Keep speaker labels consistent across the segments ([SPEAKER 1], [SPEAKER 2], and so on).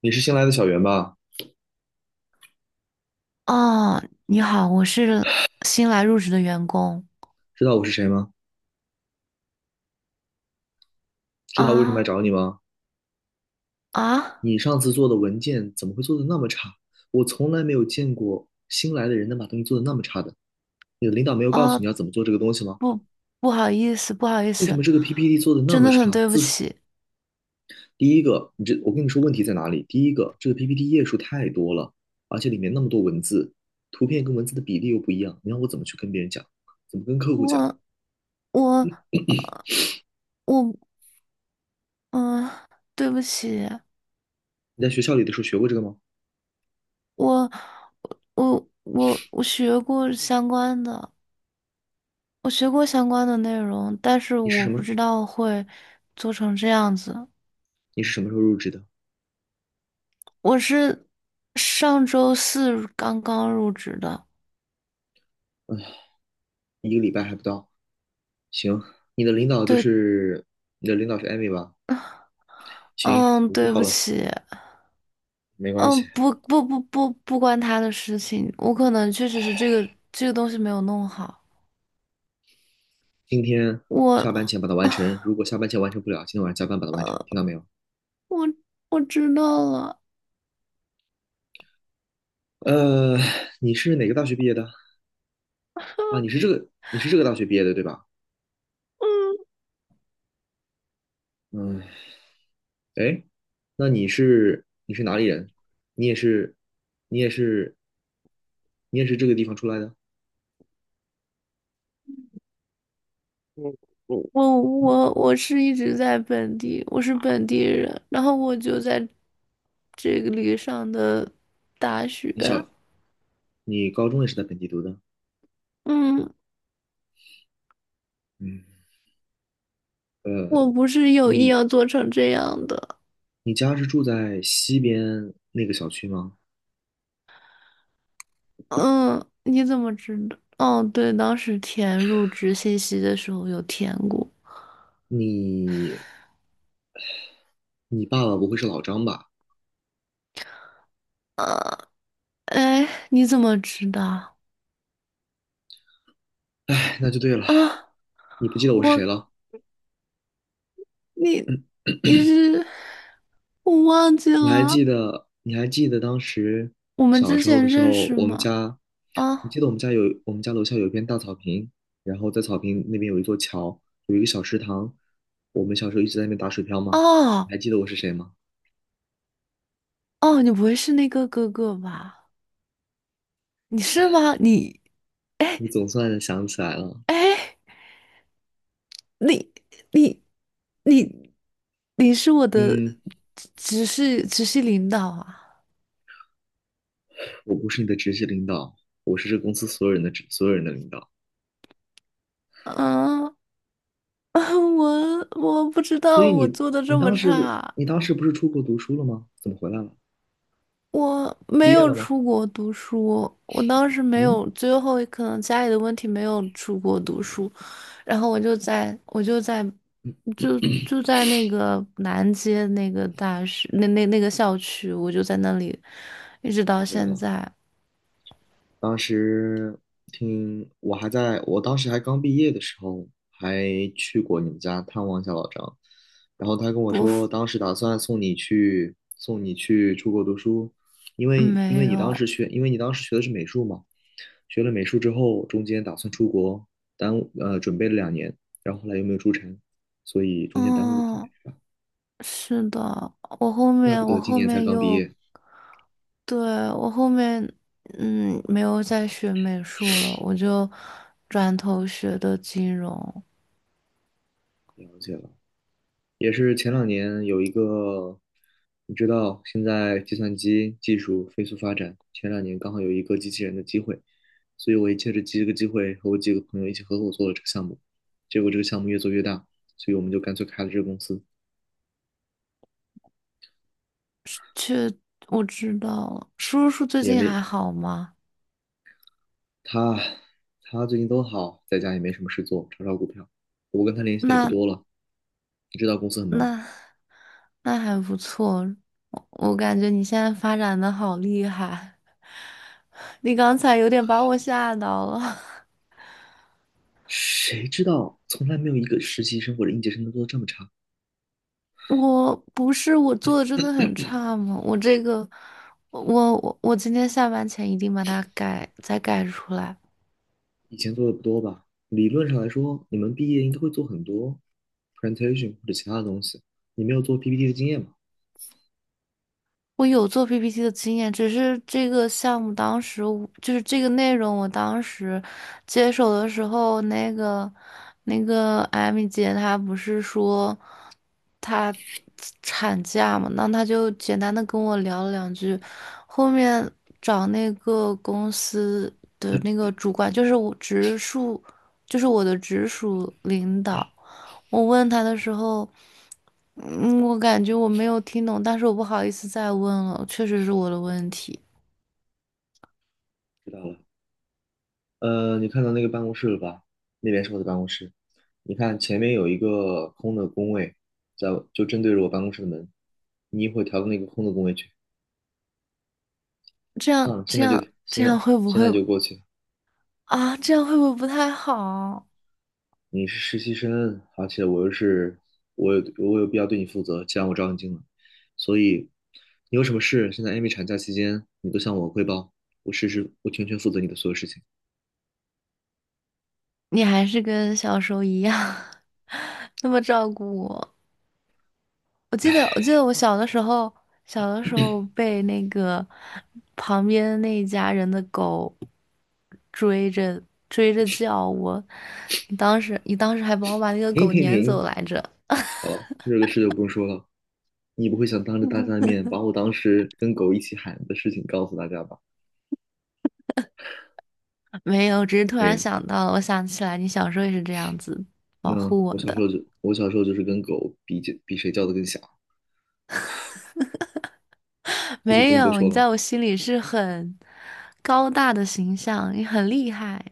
[SPEAKER 1] 你是新来的小袁吧？
[SPEAKER 2] 哦，你好，我是新来入职的员工。
[SPEAKER 1] 知道我是谁吗？知道我为什么来
[SPEAKER 2] 啊
[SPEAKER 1] 找你吗？
[SPEAKER 2] 啊
[SPEAKER 1] 你上次做的文件怎么会做的那么差？我从来没有见过新来的人能把东西做的那么差的。你的领导没有告诉
[SPEAKER 2] 啊！
[SPEAKER 1] 你要怎么做这个东西吗？
[SPEAKER 2] 不不好意思，不好意
[SPEAKER 1] 为什
[SPEAKER 2] 思，
[SPEAKER 1] 么这个 PPT 做的那
[SPEAKER 2] 真
[SPEAKER 1] 么
[SPEAKER 2] 的很
[SPEAKER 1] 差？
[SPEAKER 2] 对不
[SPEAKER 1] 字数，
[SPEAKER 2] 起。
[SPEAKER 1] 第一个，我跟你说问题在哪里？第一个，这个 PPT 页数太多了，而且里面那么多文字，图片跟文字的比例又不一样，你让我怎么去跟别人讲？怎么跟客户讲？
[SPEAKER 2] 我我我嗯，对不起。
[SPEAKER 1] 你在学校里的时候学过这个吗？
[SPEAKER 2] 我我学过相关的，我学过相关的内容，但是
[SPEAKER 1] 你是
[SPEAKER 2] 我
[SPEAKER 1] 什
[SPEAKER 2] 不
[SPEAKER 1] 么？
[SPEAKER 2] 知道会做成这样子。
[SPEAKER 1] 你是什么时候入职的？
[SPEAKER 2] 我是上周四刚刚入职的，
[SPEAKER 1] 一个礼拜还不到。行，你的领导就
[SPEAKER 2] 对。
[SPEAKER 1] 是你的领导是艾米吧？行，
[SPEAKER 2] 嗯，
[SPEAKER 1] 我知
[SPEAKER 2] 对
[SPEAKER 1] 道
[SPEAKER 2] 不
[SPEAKER 1] 了，
[SPEAKER 2] 起。
[SPEAKER 1] 没关
[SPEAKER 2] 嗯，
[SPEAKER 1] 系。
[SPEAKER 2] 不不不不不关他的事情，我可能确实是这个东西没有弄好。
[SPEAKER 1] 今天
[SPEAKER 2] 我
[SPEAKER 1] 下班前把它完成，如果下班前完成不了，今天晚上加班把它完成，听到没有？
[SPEAKER 2] 我我知道了。
[SPEAKER 1] 呃，你是哪个大学毕业的？啊，你是这个大学毕业的对吧？嗯，哎，那你是哪里人？你也是，你也是，你也是这个地方出来的？
[SPEAKER 2] 嗯我是一直在本地，我是本地人，然后我就在这个里上的大学。
[SPEAKER 1] 你小，你高中也是在本地读的？
[SPEAKER 2] 嗯，
[SPEAKER 1] 嗯，
[SPEAKER 2] 我不是有意要做成这样的。
[SPEAKER 1] 你家是住在西边那个小区吗？
[SPEAKER 2] 嗯，你怎么知道？哦，对，当时填入职信息的时候有填过。
[SPEAKER 1] 你你爸爸不会是老张吧？
[SPEAKER 2] 哎，你怎么知道？
[SPEAKER 1] 哎，那就对了。
[SPEAKER 2] 啊，
[SPEAKER 1] 你不记得我是谁
[SPEAKER 2] 我
[SPEAKER 1] 了？
[SPEAKER 2] 你你是。我忘记
[SPEAKER 1] 你还
[SPEAKER 2] 了，
[SPEAKER 1] 记得？你还记得当时
[SPEAKER 2] 我们
[SPEAKER 1] 小
[SPEAKER 2] 之
[SPEAKER 1] 时候
[SPEAKER 2] 前
[SPEAKER 1] 的时
[SPEAKER 2] 认
[SPEAKER 1] 候，
[SPEAKER 2] 识
[SPEAKER 1] 我们
[SPEAKER 2] 吗？
[SPEAKER 1] 家，你
[SPEAKER 2] 啊
[SPEAKER 1] 记得我们家有我们家楼下有一片大草坪，然后在草坪那边有一座桥，有一个小池塘，我们小时候一直在那边打水漂吗？你
[SPEAKER 2] 哦
[SPEAKER 1] 还记得我是谁吗？
[SPEAKER 2] 哦，你不会是那个哥哥吧？你是吗？
[SPEAKER 1] 你总算想起来了。
[SPEAKER 2] 哎，你你你你是我的
[SPEAKER 1] 嗯，
[SPEAKER 2] 直系领导啊？
[SPEAKER 1] 我不是你的直系领导，我是这公司所有人的所有人的领导。
[SPEAKER 2] 啊，我不知
[SPEAKER 1] 所
[SPEAKER 2] 道
[SPEAKER 1] 以
[SPEAKER 2] 我做的这么差。
[SPEAKER 1] 你当时不是出国读书了吗？怎么回来了？
[SPEAKER 2] 我没
[SPEAKER 1] 毕业
[SPEAKER 2] 有
[SPEAKER 1] 了吗？
[SPEAKER 2] 出国读书。我当时没
[SPEAKER 1] 嗯，
[SPEAKER 2] 有，最后可能家里的问题没有出国读书。然后我就在我就在就就在那个南街那个大学那个校区，我就在那里一直到
[SPEAKER 1] 了解
[SPEAKER 2] 现
[SPEAKER 1] 了。
[SPEAKER 2] 在。
[SPEAKER 1] 当时听我还在，我当时还刚毕业的时候，还去过你们家探望一下老张。然后他跟我说，
[SPEAKER 2] 我
[SPEAKER 1] 当时打算送你去出国读书，因
[SPEAKER 2] 没
[SPEAKER 1] 为你当时
[SPEAKER 2] 有。
[SPEAKER 1] 学，因为你当时学的是美术嘛，学了美术之后，中间打算出国，耽误准备了两年，然后后来又没有出成，所以中间耽误了几
[SPEAKER 2] 嗯，
[SPEAKER 1] 年，
[SPEAKER 2] 是的。
[SPEAKER 1] 怪不
[SPEAKER 2] 我
[SPEAKER 1] 得今
[SPEAKER 2] 后
[SPEAKER 1] 年才
[SPEAKER 2] 面
[SPEAKER 1] 刚毕
[SPEAKER 2] 又
[SPEAKER 1] 业。
[SPEAKER 2] 对，我后面嗯没有再学美术了，我就转头学的金融。
[SPEAKER 1] 了解了。也是前两年有一个，你知道，现在计算机技术飞速发展，前两年刚好有一个机器人的机会，所以我也借着这个机会和我几个朋友一起合伙做了这个项目，结果这个项目越做越大，所以我们就干脆开了这个公司，
[SPEAKER 2] 去，我知道了。叔叔最
[SPEAKER 1] 也
[SPEAKER 2] 近还
[SPEAKER 1] 没
[SPEAKER 2] 好吗？
[SPEAKER 1] 他他最近都好，在家也没什么事做，炒炒股票，我跟他联系的也不
[SPEAKER 2] 那
[SPEAKER 1] 多了，你知道公司很忙，
[SPEAKER 2] 那那还不错。我感觉你现在发展的好厉害，你刚才有点把我吓到了。
[SPEAKER 1] 谁知道从来没有一个实习生或者应届生能做的这么差。
[SPEAKER 2] 我不是我做的真的很差吗？我这个，我今天下班前一定把它改出来。
[SPEAKER 1] 以前做的不多吧？理论上来说，你们毕业应该会做很多 presentation 或者其他的东西。你没有做 PPT 的经验吗？
[SPEAKER 2] 我有做 PPT 的经验，只是这个项目当时我就是这个内容，我当时接手的时候，那个艾米姐她不是说她产假嘛，那她就简单的跟我聊了两句。后面找那个公司的那个主管，就是我直属，就是我的直属领导，我问他的时候。嗯，我感觉我没有听懂，但是我不好意思再问了，确实是我的问题。
[SPEAKER 1] 知道了。你看到那个办公室了吧？那边是我的办公室。你看前面有一个空的工位，在就正对着我办公室的门。你一会儿调到那个空的工位去。算了，现
[SPEAKER 2] 这
[SPEAKER 1] 在
[SPEAKER 2] 样会不
[SPEAKER 1] 现
[SPEAKER 2] 会。
[SPEAKER 1] 在就过去。
[SPEAKER 2] 啊？这样会不会不太好？
[SPEAKER 1] 你是实习生，而且我又是我有必要对你负责，既然我招你进来，所以你有什么事，现在 Amy 产假期间，你都向我汇报，我实时我全权负责你的所有事情。
[SPEAKER 2] 你还是跟小时候一样 那么照顾我。我记得我小的时候，小的时候被那个旁边那一家人的狗追着追着叫我，你当时还帮我把那个
[SPEAKER 1] 停
[SPEAKER 2] 狗
[SPEAKER 1] 停
[SPEAKER 2] 撵走
[SPEAKER 1] 停，
[SPEAKER 2] 来着。
[SPEAKER 1] 好了，这个事就不用说了，你不会想当着大家的面把我当时跟狗一起喊的事情告诉大家吧？
[SPEAKER 2] 没有，只是突
[SPEAKER 1] 可以
[SPEAKER 2] 然
[SPEAKER 1] 了，
[SPEAKER 2] 想到了，我想起来你小时候也是这样子保
[SPEAKER 1] 那
[SPEAKER 2] 护我的。
[SPEAKER 1] 我小时候就是跟狗比比谁叫的更响，这就
[SPEAKER 2] 没
[SPEAKER 1] 不用多
[SPEAKER 2] 有，
[SPEAKER 1] 说
[SPEAKER 2] 你
[SPEAKER 1] 了。
[SPEAKER 2] 在我心里是很高大的形象，你很厉害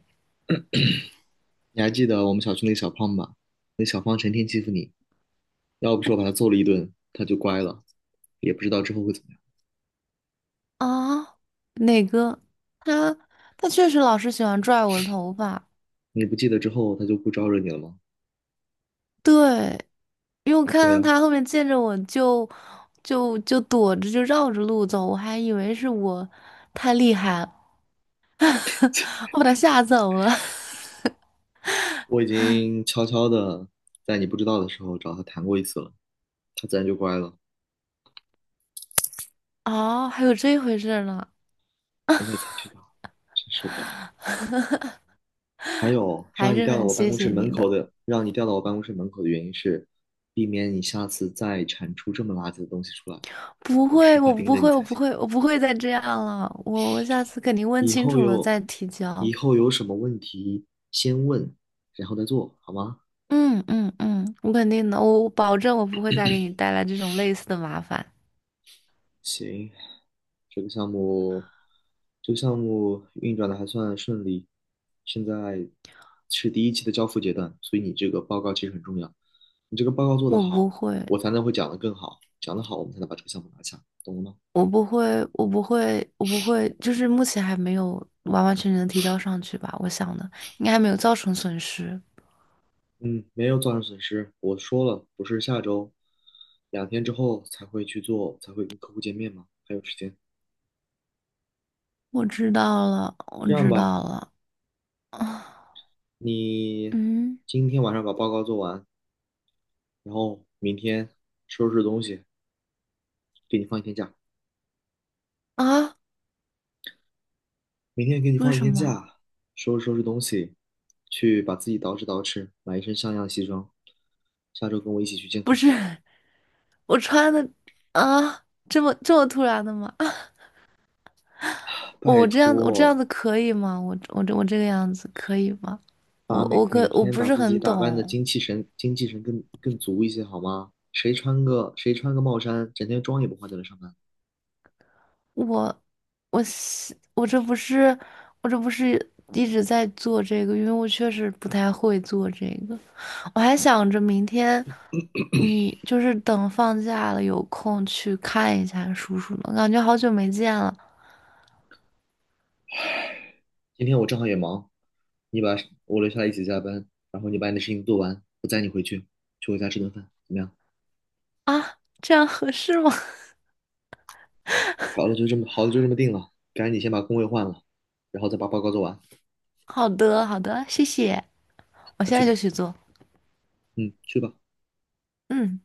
[SPEAKER 1] 你还记得我们小区那个小胖吧？那小胖成天欺负你。要不是我把他揍了一顿，他就乖了，也不知道之后会怎么样。
[SPEAKER 2] 啊。哪个？他他确实老是喜欢拽我的头发。
[SPEAKER 1] 你不记得之后他就不招惹你了吗？
[SPEAKER 2] 对，因为我看
[SPEAKER 1] 对
[SPEAKER 2] 到
[SPEAKER 1] 啊，
[SPEAKER 2] 他后面见着我就躲着，就绕着路走，我还以为是我太厉害了，我把他吓走了。
[SPEAKER 1] 我已经悄悄的在你不知道的时候找他谈过一次了，他自然就乖了。
[SPEAKER 2] 哦，还有这回事儿呢。
[SPEAKER 1] 现在才知道，真受不了了 还有，
[SPEAKER 2] 还是很谢谢你的。
[SPEAKER 1] 让你调到我办公室门口的原因是，避免你下次再产出这么垃圾的东西出来。
[SPEAKER 2] 不
[SPEAKER 1] 我
[SPEAKER 2] 会，
[SPEAKER 1] 时刻
[SPEAKER 2] 我
[SPEAKER 1] 盯
[SPEAKER 2] 不
[SPEAKER 1] 着你
[SPEAKER 2] 会，我
[SPEAKER 1] 才
[SPEAKER 2] 不
[SPEAKER 1] 行。
[SPEAKER 2] 会，我不会再这样了。我下次肯定问
[SPEAKER 1] 以
[SPEAKER 2] 清
[SPEAKER 1] 后
[SPEAKER 2] 楚了
[SPEAKER 1] 有，
[SPEAKER 2] 再提交。
[SPEAKER 1] 以后有什么问题先问，然后再做，好吗？
[SPEAKER 2] 嗯，我肯定的，我保证我不会再给你带来这种类似的麻烦。
[SPEAKER 1] 行，这个项目，这个项目运转的还算顺利，现在是第一期的交付阶段，所以你这个报告其实很重要。你这个报告做得
[SPEAKER 2] 我不
[SPEAKER 1] 好，
[SPEAKER 2] 会，
[SPEAKER 1] 我才能会讲得更好，讲得好，我们才能把这个项目拿下，懂了吗？
[SPEAKER 2] 我不会，就是目前还没有完完全全的提交上去吧。我想的应该还没有造成损失。
[SPEAKER 1] 嗯，没有造成损失，我说了，不是下周，两天之后才会去做，才会跟客户见面嘛，还有时间。
[SPEAKER 2] 我
[SPEAKER 1] 这样
[SPEAKER 2] 知
[SPEAKER 1] 吧，
[SPEAKER 2] 道了。啊，
[SPEAKER 1] 你
[SPEAKER 2] 嗯
[SPEAKER 1] 今天晚上把报告做完，然后明天收拾东西，给你放一天假。
[SPEAKER 2] 啊，
[SPEAKER 1] 明天给你
[SPEAKER 2] 为
[SPEAKER 1] 放一
[SPEAKER 2] 什
[SPEAKER 1] 天
[SPEAKER 2] 么？
[SPEAKER 1] 假，收拾收拾东西，去把自己捯饬捯饬，买一身像样的西装。下周跟我一起去见
[SPEAKER 2] 不
[SPEAKER 1] 客
[SPEAKER 2] 是。
[SPEAKER 1] 户。
[SPEAKER 2] 我穿的啊，这么突然的吗？啊，
[SPEAKER 1] 拜
[SPEAKER 2] 我这样
[SPEAKER 1] 托，
[SPEAKER 2] 子可以吗？我这个样子可以吗？
[SPEAKER 1] 把每
[SPEAKER 2] 我
[SPEAKER 1] 天
[SPEAKER 2] 不
[SPEAKER 1] 把
[SPEAKER 2] 是
[SPEAKER 1] 自己
[SPEAKER 2] 很
[SPEAKER 1] 打扮的
[SPEAKER 2] 懂。
[SPEAKER 1] 精气神、精气神更足一些好吗？谁穿个帽衫，整天妆也不化就来上班？
[SPEAKER 2] 我我是我这不是我这不是一直在做这个，因为我确实不太会做这个。我还想着明天你就是等放假了有空去看一下叔叔呢，感觉好久没见了。
[SPEAKER 1] 今天我正好也忙，你把我留下来一起加班，然后你把你的事情做完，去我家吃顿饭，怎么样？
[SPEAKER 2] 啊，这样合适吗？
[SPEAKER 1] 好了，就这么定了。赶紧先把工位换了，然后再把报告做完。
[SPEAKER 2] 好的好的，谢谢。我
[SPEAKER 1] 快
[SPEAKER 2] 现
[SPEAKER 1] 去
[SPEAKER 2] 在
[SPEAKER 1] 吧，
[SPEAKER 2] 就去做。
[SPEAKER 1] 嗯，去吧。
[SPEAKER 2] 嗯。